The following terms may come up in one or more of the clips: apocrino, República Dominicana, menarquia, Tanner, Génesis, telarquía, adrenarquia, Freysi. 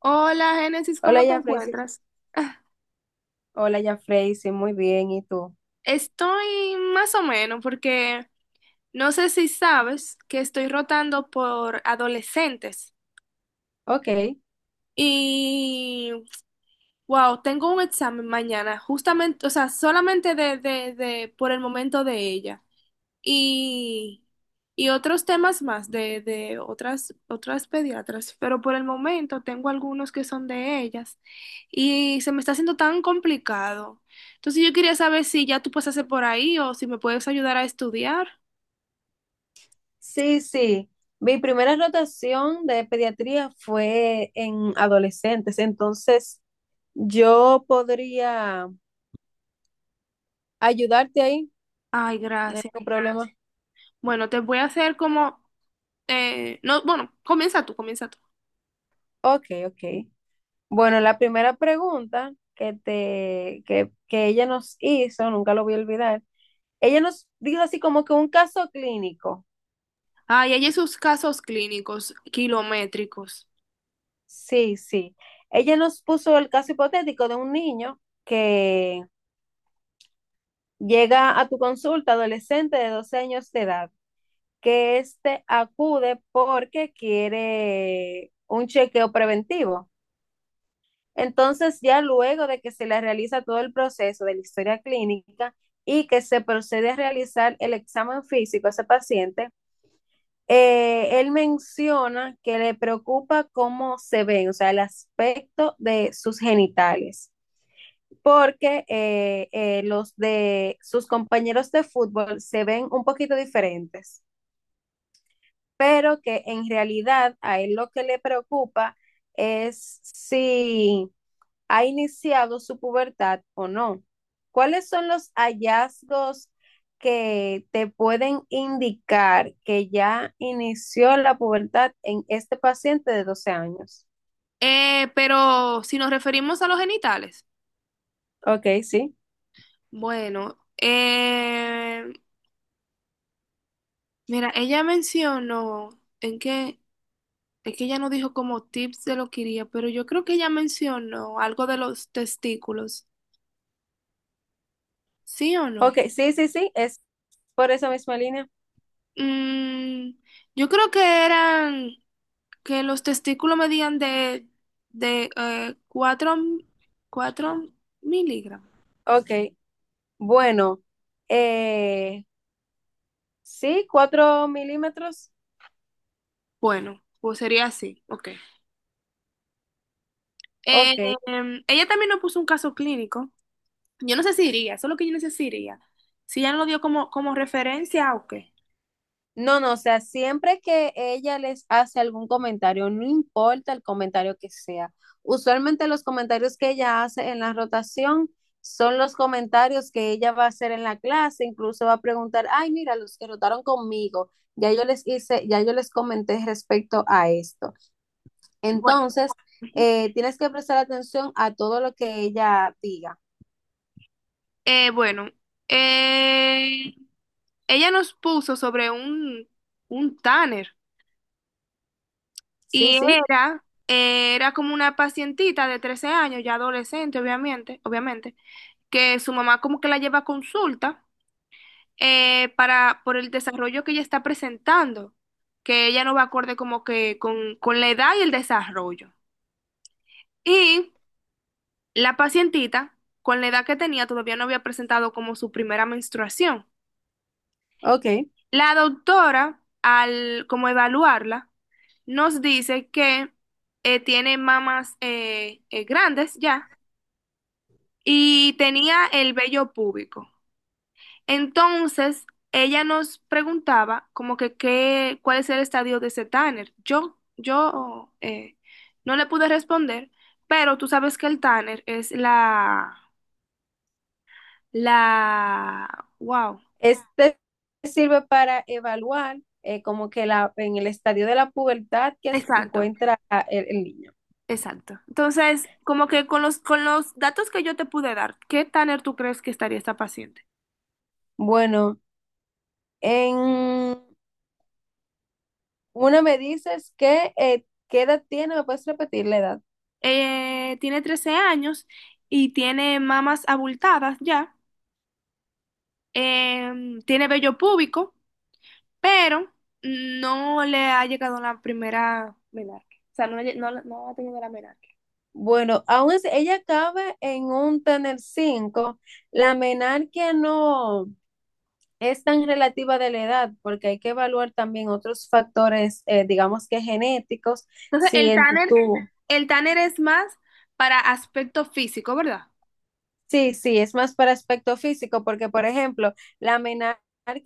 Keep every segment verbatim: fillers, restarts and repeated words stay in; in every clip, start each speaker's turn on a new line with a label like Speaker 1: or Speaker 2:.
Speaker 1: Hola, Génesis,
Speaker 2: Hola,
Speaker 1: ¿cómo te
Speaker 2: ya Freysi.
Speaker 1: encuentras?
Speaker 2: Hola, ya Freysi. Muy bien. ¿Y tú?
Speaker 1: Estoy más o menos porque no sé si sabes que estoy rotando por adolescentes
Speaker 2: Ok.
Speaker 1: y wow, tengo un examen mañana, justamente, o sea, solamente de, de, de por el momento de ella. y, y otros temas más de, de otras, otras pediatras, pero por el momento tengo algunos que son de ellas y se me está haciendo tan complicado. Entonces yo quería saber si ya tú pasaste por ahí o si me puedes ayudar a estudiar.
Speaker 2: Sí, sí. Mi primera rotación de pediatría fue en adolescentes. Entonces, yo podría ayudarte ahí.
Speaker 1: Ay,
Speaker 2: No hay
Speaker 1: gracias.
Speaker 2: ningún problema.
Speaker 1: Bueno, te voy a hacer como, eh, no, bueno, comienza tú, comienza tú.
Speaker 2: Ok, ok. Bueno, la primera pregunta que te, que, que ella nos hizo, nunca lo voy a olvidar. Ella nos dijo así como que un caso clínico.
Speaker 1: Ay, hay esos casos clínicos kilométricos.
Speaker 2: Sí, sí. Ella nos puso el caso hipotético de un niño que llega a tu consulta, adolescente de doce años de edad, que éste acude porque quiere un chequeo preventivo. Entonces, ya luego de que se le realiza todo el proceso de la historia clínica y que se procede a realizar el examen físico a ese paciente, eh, él menciona que le preocupa cómo se ven, o sea, el aspecto de sus genitales, porque eh, eh, los de sus compañeros de fútbol se ven un poquito diferentes, pero que en realidad a él lo que le preocupa es si ha iniciado su pubertad o no. ¿Cuáles son los hallazgos que te pueden indicar que ya inició la pubertad en este paciente de doce años?
Speaker 1: Eh, pero si nos referimos a los genitales,
Speaker 2: Ok, sí.
Speaker 1: bueno, eh, mira, ella mencionó en que, es que ella no dijo como tips de lo que iría, pero yo creo que ella mencionó algo de los testículos, ¿sí o
Speaker 2: Ok,
Speaker 1: no?
Speaker 2: sí, sí, sí, es por esa misma línea.
Speaker 1: Mm, yo creo que eran que los testículos medían de, de eh, cuatro cuatro miligramos.
Speaker 2: Ok. Bueno, eh, sí, cuatro milímetros.
Speaker 1: Bueno, pues sería así, ok. Eh,
Speaker 2: Ok.
Speaker 1: em, Ella también nos puso un caso clínico. Yo no sé si iría, eso es lo que yo necesitaría. Si iría. Si ella no lo dio como, como referencia, ok.
Speaker 2: No, no, o sea, siempre que ella les hace algún comentario, no importa el comentario que sea. Usualmente los comentarios que ella hace en la rotación son los comentarios que ella va a hacer en la clase, incluso va a preguntar, ay, mira, los que rotaron conmigo, ya yo les hice, ya yo les comenté respecto a esto.
Speaker 1: Bueno.
Speaker 2: Entonces, eh, tienes que prestar atención a todo lo que ella diga.
Speaker 1: Eh, bueno, eh, Ella nos puso sobre un, un Tanner
Speaker 2: Sí,
Speaker 1: y
Speaker 2: sí,
Speaker 1: era, eh, era como una pacientita de trece años, ya adolescente, obviamente, obviamente, que su mamá como que la lleva a consulta eh, para, por el desarrollo que ella está presentando, que ella no va acorde como que con, con la edad y el desarrollo. Y la pacientita, con la edad que tenía, todavía no había presentado como su primera menstruación.
Speaker 2: ok.
Speaker 1: La doctora, al como evaluarla, nos dice que eh, tiene mamas eh, eh, grandes ya y tenía el vello púbico. Entonces, ella nos preguntaba como que qué, cuál es el estadio de ese Tanner. Yo, yo eh, no le pude responder, pero tú sabes que el Tanner es la, la, wow,
Speaker 2: Este sirve para evaluar, eh, como que la, en el estadio de la pubertad que se
Speaker 1: exacto.
Speaker 2: encuentra, ah, el, el niño.
Speaker 1: Exacto. Entonces, como que con los, con los datos que yo te pude dar, ¿qué Tanner tú crees que estaría esta paciente?
Speaker 2: Bueno, en una me dices que, eh, ¿qué edad tiene? ¿Me puedes repetir la edad?
Speaker 1: Eh, tiene trece años y tiene mamas abultadas ya, eh, tiene vello púbico, pero no le ha llegado la primera menarquia. O sea, no, le- no, no ha tenido la menarquia.
Speaker 2: Bueno, aún es- ella cabe en un tener cinco. La menarquia no es tan relativa de la edad, porque hay que evaluar también otros factores, eh, digamos que genéticos,
Speaker 1: Entonces,
Speaker 2: si
Speaker 1: el
Speaker 2: en tu.
Speaker 1: Tanner, el Tanner es más para aspecto físico, ¿verdad?
Speaker 2: Sí, sí, es más para aspecto físico, porque por ejemplo, la menarquia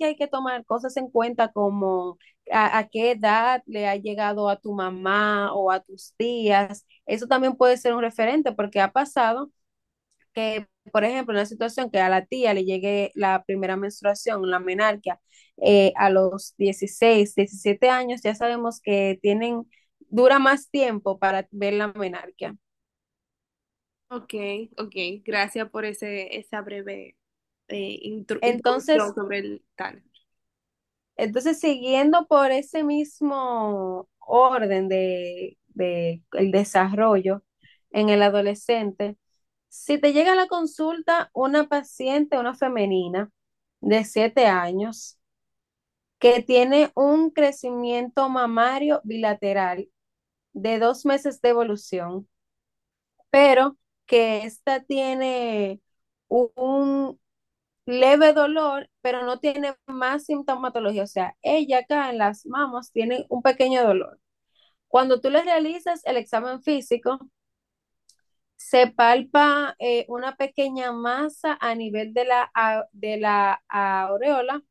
Speaker 2: hay que tomar cosas en cuenta como a, a qué edad le ha llegado a tu mamá o a tus tías. Eso también puede ser un referente, porque ha pasado que, por ejemplo, en una situación que a la tía le llegue la primera menstruación, la menarquia, eh, a los dieciséis, diecisiete años, ya sabemos que tienen, dura más tiempo para ver la menarquia.
Speaker 1: Ok, ok, gracias por ese, esa breve eh, intro- introducción
Speaker 2: Entonces,
Speaker 1: sobre el tal.
Speaker 2: Entonces, siguiendo por ese mismo orden de, de el desarrollo en el adolescente, si te llega a la consulta una paciente, una femenina de siete años, que tiene un crecimiento mamario bilateral de dos meses de evolución, pero que esta tiene un leve dolor, pero no tiene más sintomatología. O sea, ella acá en las mamas tiene un pequeño dolor. Cuando tú le realizas el examen físico, se palpa, eh, una pequeña masa a nivel de la, a- de la aureola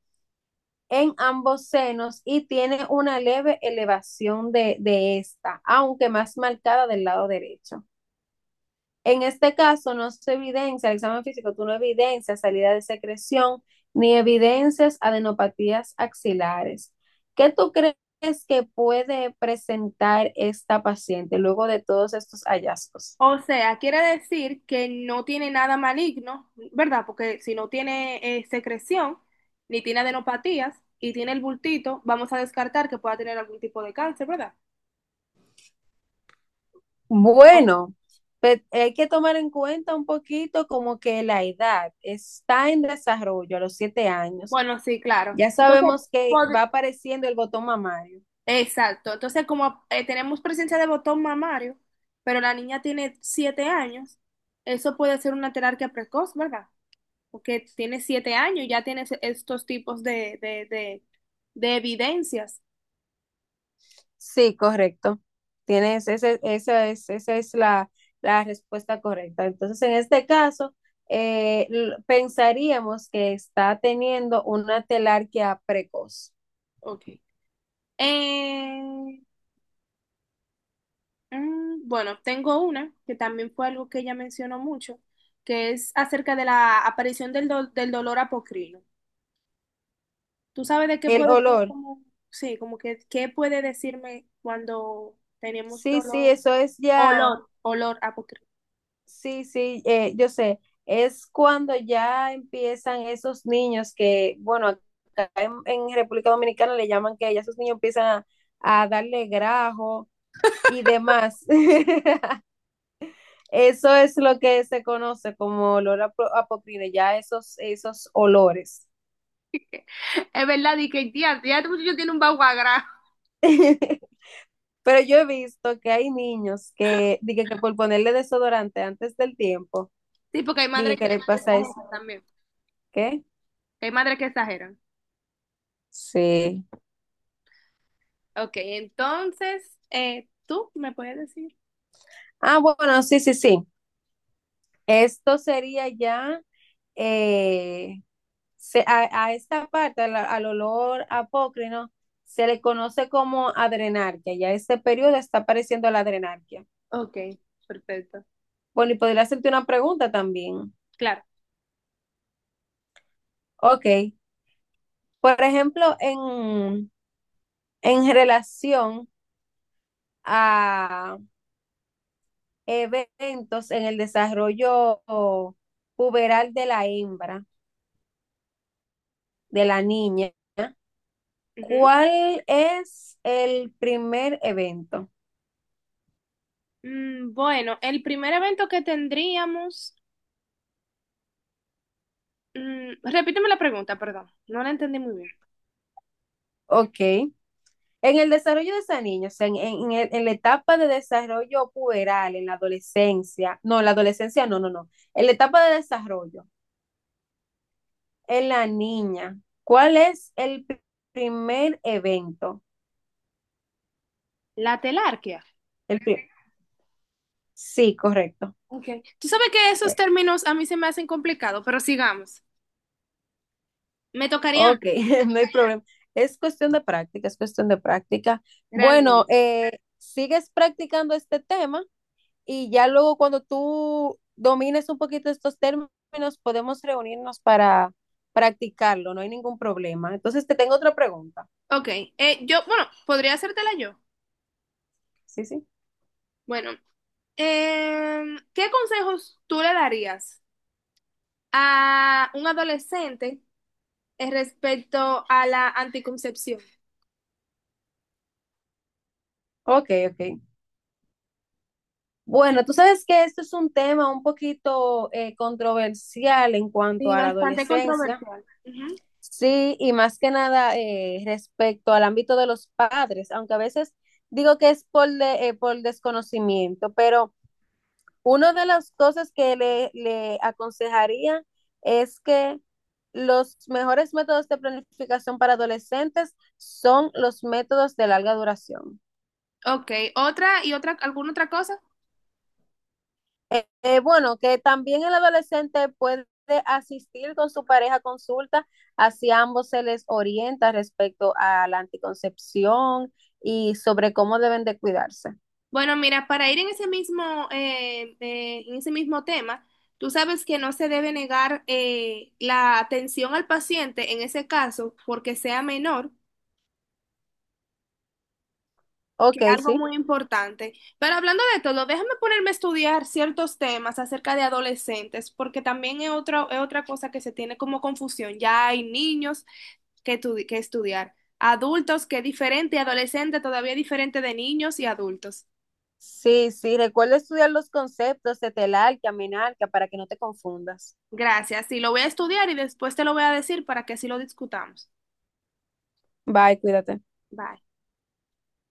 Speaker 2: en ambos senos, y tiene una leve elevación de, de esta, aunque más marcada del lado derecho. En este caso no se evidencia, el examen físico, tú no evidencias salida de secreción ni evidencias adenopatías axilares. ¿Qué tú crees que puede presentar esta paciente luego de todos estos hallazgos?
Speaker 1: O sea, quiere decir que no tiene nada maligno, ¿verdad? Porque si no tiene eh, secreción, ni tiene adenopatías y tiene el bultito, vamos a descartar que pueda tener algún tipo de cáncer, ¿verdad?
Speaker 2: Bueno, pues, hay que tomar en cuenta un poquito como que la edad está en desarrollo a los siete años.
Speaker 1: Bueno, sí, claro.
Speaker 2: Ya
Speaker 1: Entonces,
Speaker 2: sabemos que
Speaker 1: pod-
Speaker 2: va apareciendo el botón mamario.
Speaker 1: exacto. Entonces, como eh, tenemos presencia de botón mamario, pero la niña tiene siete años, eso puede ser una terapia precoz, ¿verdad? Porque tiene siete años y ya tiene se- estos tipos de, de, de, de evidencias.
Speaker 2: Sí, correcto. Tienes, ese, esa es, esa es la, la respuesta correcta. Entonces, en este caso, eh, l- pensaríamos que está teniendo una telarquía precoz.
Speaker 1: Ok. Eh, mm, bueno, tengo una que también fue algo que ella mencionó mucho, que es acerca de la aparición del, do- del dolor apocrino. ¿Tú sabes de qué
Speaker 2: El
Speaker 1: puede ser
Speaker 2: olor,
Speaker 1: como, sí, como que, qué puede decirme cuando tenemos
Speaker 2: sí, sí,
Speaker 1: dolor,
Speaker 2: eso es ya,
Speaker 1: olor, olor a poquito?
Speaker 2: sí, sí, eh, yo sé, es cuando ya empiezan esos niños que, bueno, acá en, en República Dominicana le llaman que ya esos niños empiezan a, a darle grajo y demás. Eso es lo que se conoce como olor a pro- a ya esos, esos olores.
Speaker 1: Es verdad, y que tía, ya este muchacho tiene un baguagrá.
Speaker 2: Pero yo he visto que hay niños que, dije que por ponerle desodorante antes del tiempo,
Speaker 1: Sí, porque hay madres
Speaker 2: dije
Speaker 1: que
Speaker 2: que le pasa
Speaker 1: exageran
Speaker 2: eso.
Speaker 1: también.
Speaker 2: ¿Qué?
Speaker 1: Hay madres que exageran.
Speaker 2: Sí.
Speaker 1: Ok, entonces, eh, ¿tú me puedes decir?
Speaker 2: Ah, bueno, sí, sí, sí. Esto sería ya, eh, se- a, a esta parte, al, al olor apócrino, ¿no? Se le conoce como adrenarquia. Ya este periodo está apareciendo la adrenarquia.
Speaker 1: Ok, perfecto.
Speaker 2: Bueno, y podría hacerte una pregunta también.
Speaker 1: Claro.
Speaker 2: Ok, por ejemplo, en, en relación a eventos en el desarrollo puberal de la hembra, de la niña,
Speaker 1: Ujú.
Speaker 2: ¿cuál es el primer evento?
Speaker 1: Mm, bueno, el primer evento que tendríamos, mm, repíteme la pregunta, perdón, no la entendí muy bien.
Speaker 2: Ok, en el desarrollo de esa niña, o sea, en, en- en- el- en la etapa de desarrollo puberal, en la adolescencia, no, en la adolescencia, no, no, no, en la etapa de desarrollo, en la niña, ¿cuál es el pri- primer evento?
Speaker 1: La telarquía.
Speaker 2: El pri- sí, correcto.
Speaker 1: Okay. Tú sabes que esos
Speaker 2: Eh,
Speaker 1: términos a mí se me hacen complicados, pero sigamos. Me tocaría a mí,
Speaker 2: ok. No hay problema. Es cuestión de práctica, es cuestión de práctica. Bueno,
Speaker 1: realmente.
Speaker 2: eh, sigues practicando este tema, y ya luego cuando tú domines un poquito estos términos, podemos reunirnos para practicarlo, no hay ningún problema. Entonces, te tengo otra pregunta.
Speaker 1: Ok, eh, yo, bueno, podría hacértela yo.
Speaker 2: Sí, sí.
Speaker 1: Bueno, em, ¿qué consejos tú le darías a un adolescente eh, respecto a la anticoncepción?
Speaker 2: Ok, ok. Bueno, tú sabes que esto es un tema un poquito eh, controversial en cuanto
Speaker 1: Sí,
Speaker 2: a la
Speaker 1: bastante
Speaker 2: adolescencia.
Speaker 1: controversial. Ujú.
Speaker 2: Sí, y más que nada, eh, respecto al ámbito de los padres, aunque a veces digo que es por, de- eh, por desconocimiento, pero una de las cosas que le, le aconsejaría es que los mejores métodos de planificación para adolescentes son los métodos de larga duración.
Speaker 1: Ok, otra y otra, ¿alguna otra cosa?
Speaker 2: Eh, eh, bueno, que también el adolescente puede asistir con su pareja a consulta, así a ambos se les orienta respecto a la anticoncepción y sobre cómo deben de cuidarse.
Speaker 1: Bueno, mira, para ir en ese mismo, eh, eh, en ese mismo tema, tú sabes que no se debe negar eh, la atención al paciente en ese caso porque sea menor, que
Speaker 2: Ok,
Speaker 1: es algo
Speaker 2: sí.
Speaker 1: muy importante. Pero hablando de todo, déjame ponerme a estudiar ciertos temas acerca de adolescentes, porque también es otro, es otra cosa que se tiene como confusión. Ya hay niños que, tu- que estudiar, adultos que es diferente, y adolescente todavía diferente de niños y adultos.
Speaker 2: Sí, sí, recuerda estudiar los conceptos de telar, que para que no te confundas.
Speaker 1: Gracias. Sí, lo voy a estudiar y después te lo voy a decir para que así lo discutamos.
Speaker 2: Bye, cuídate.
Speaker 1: Bye.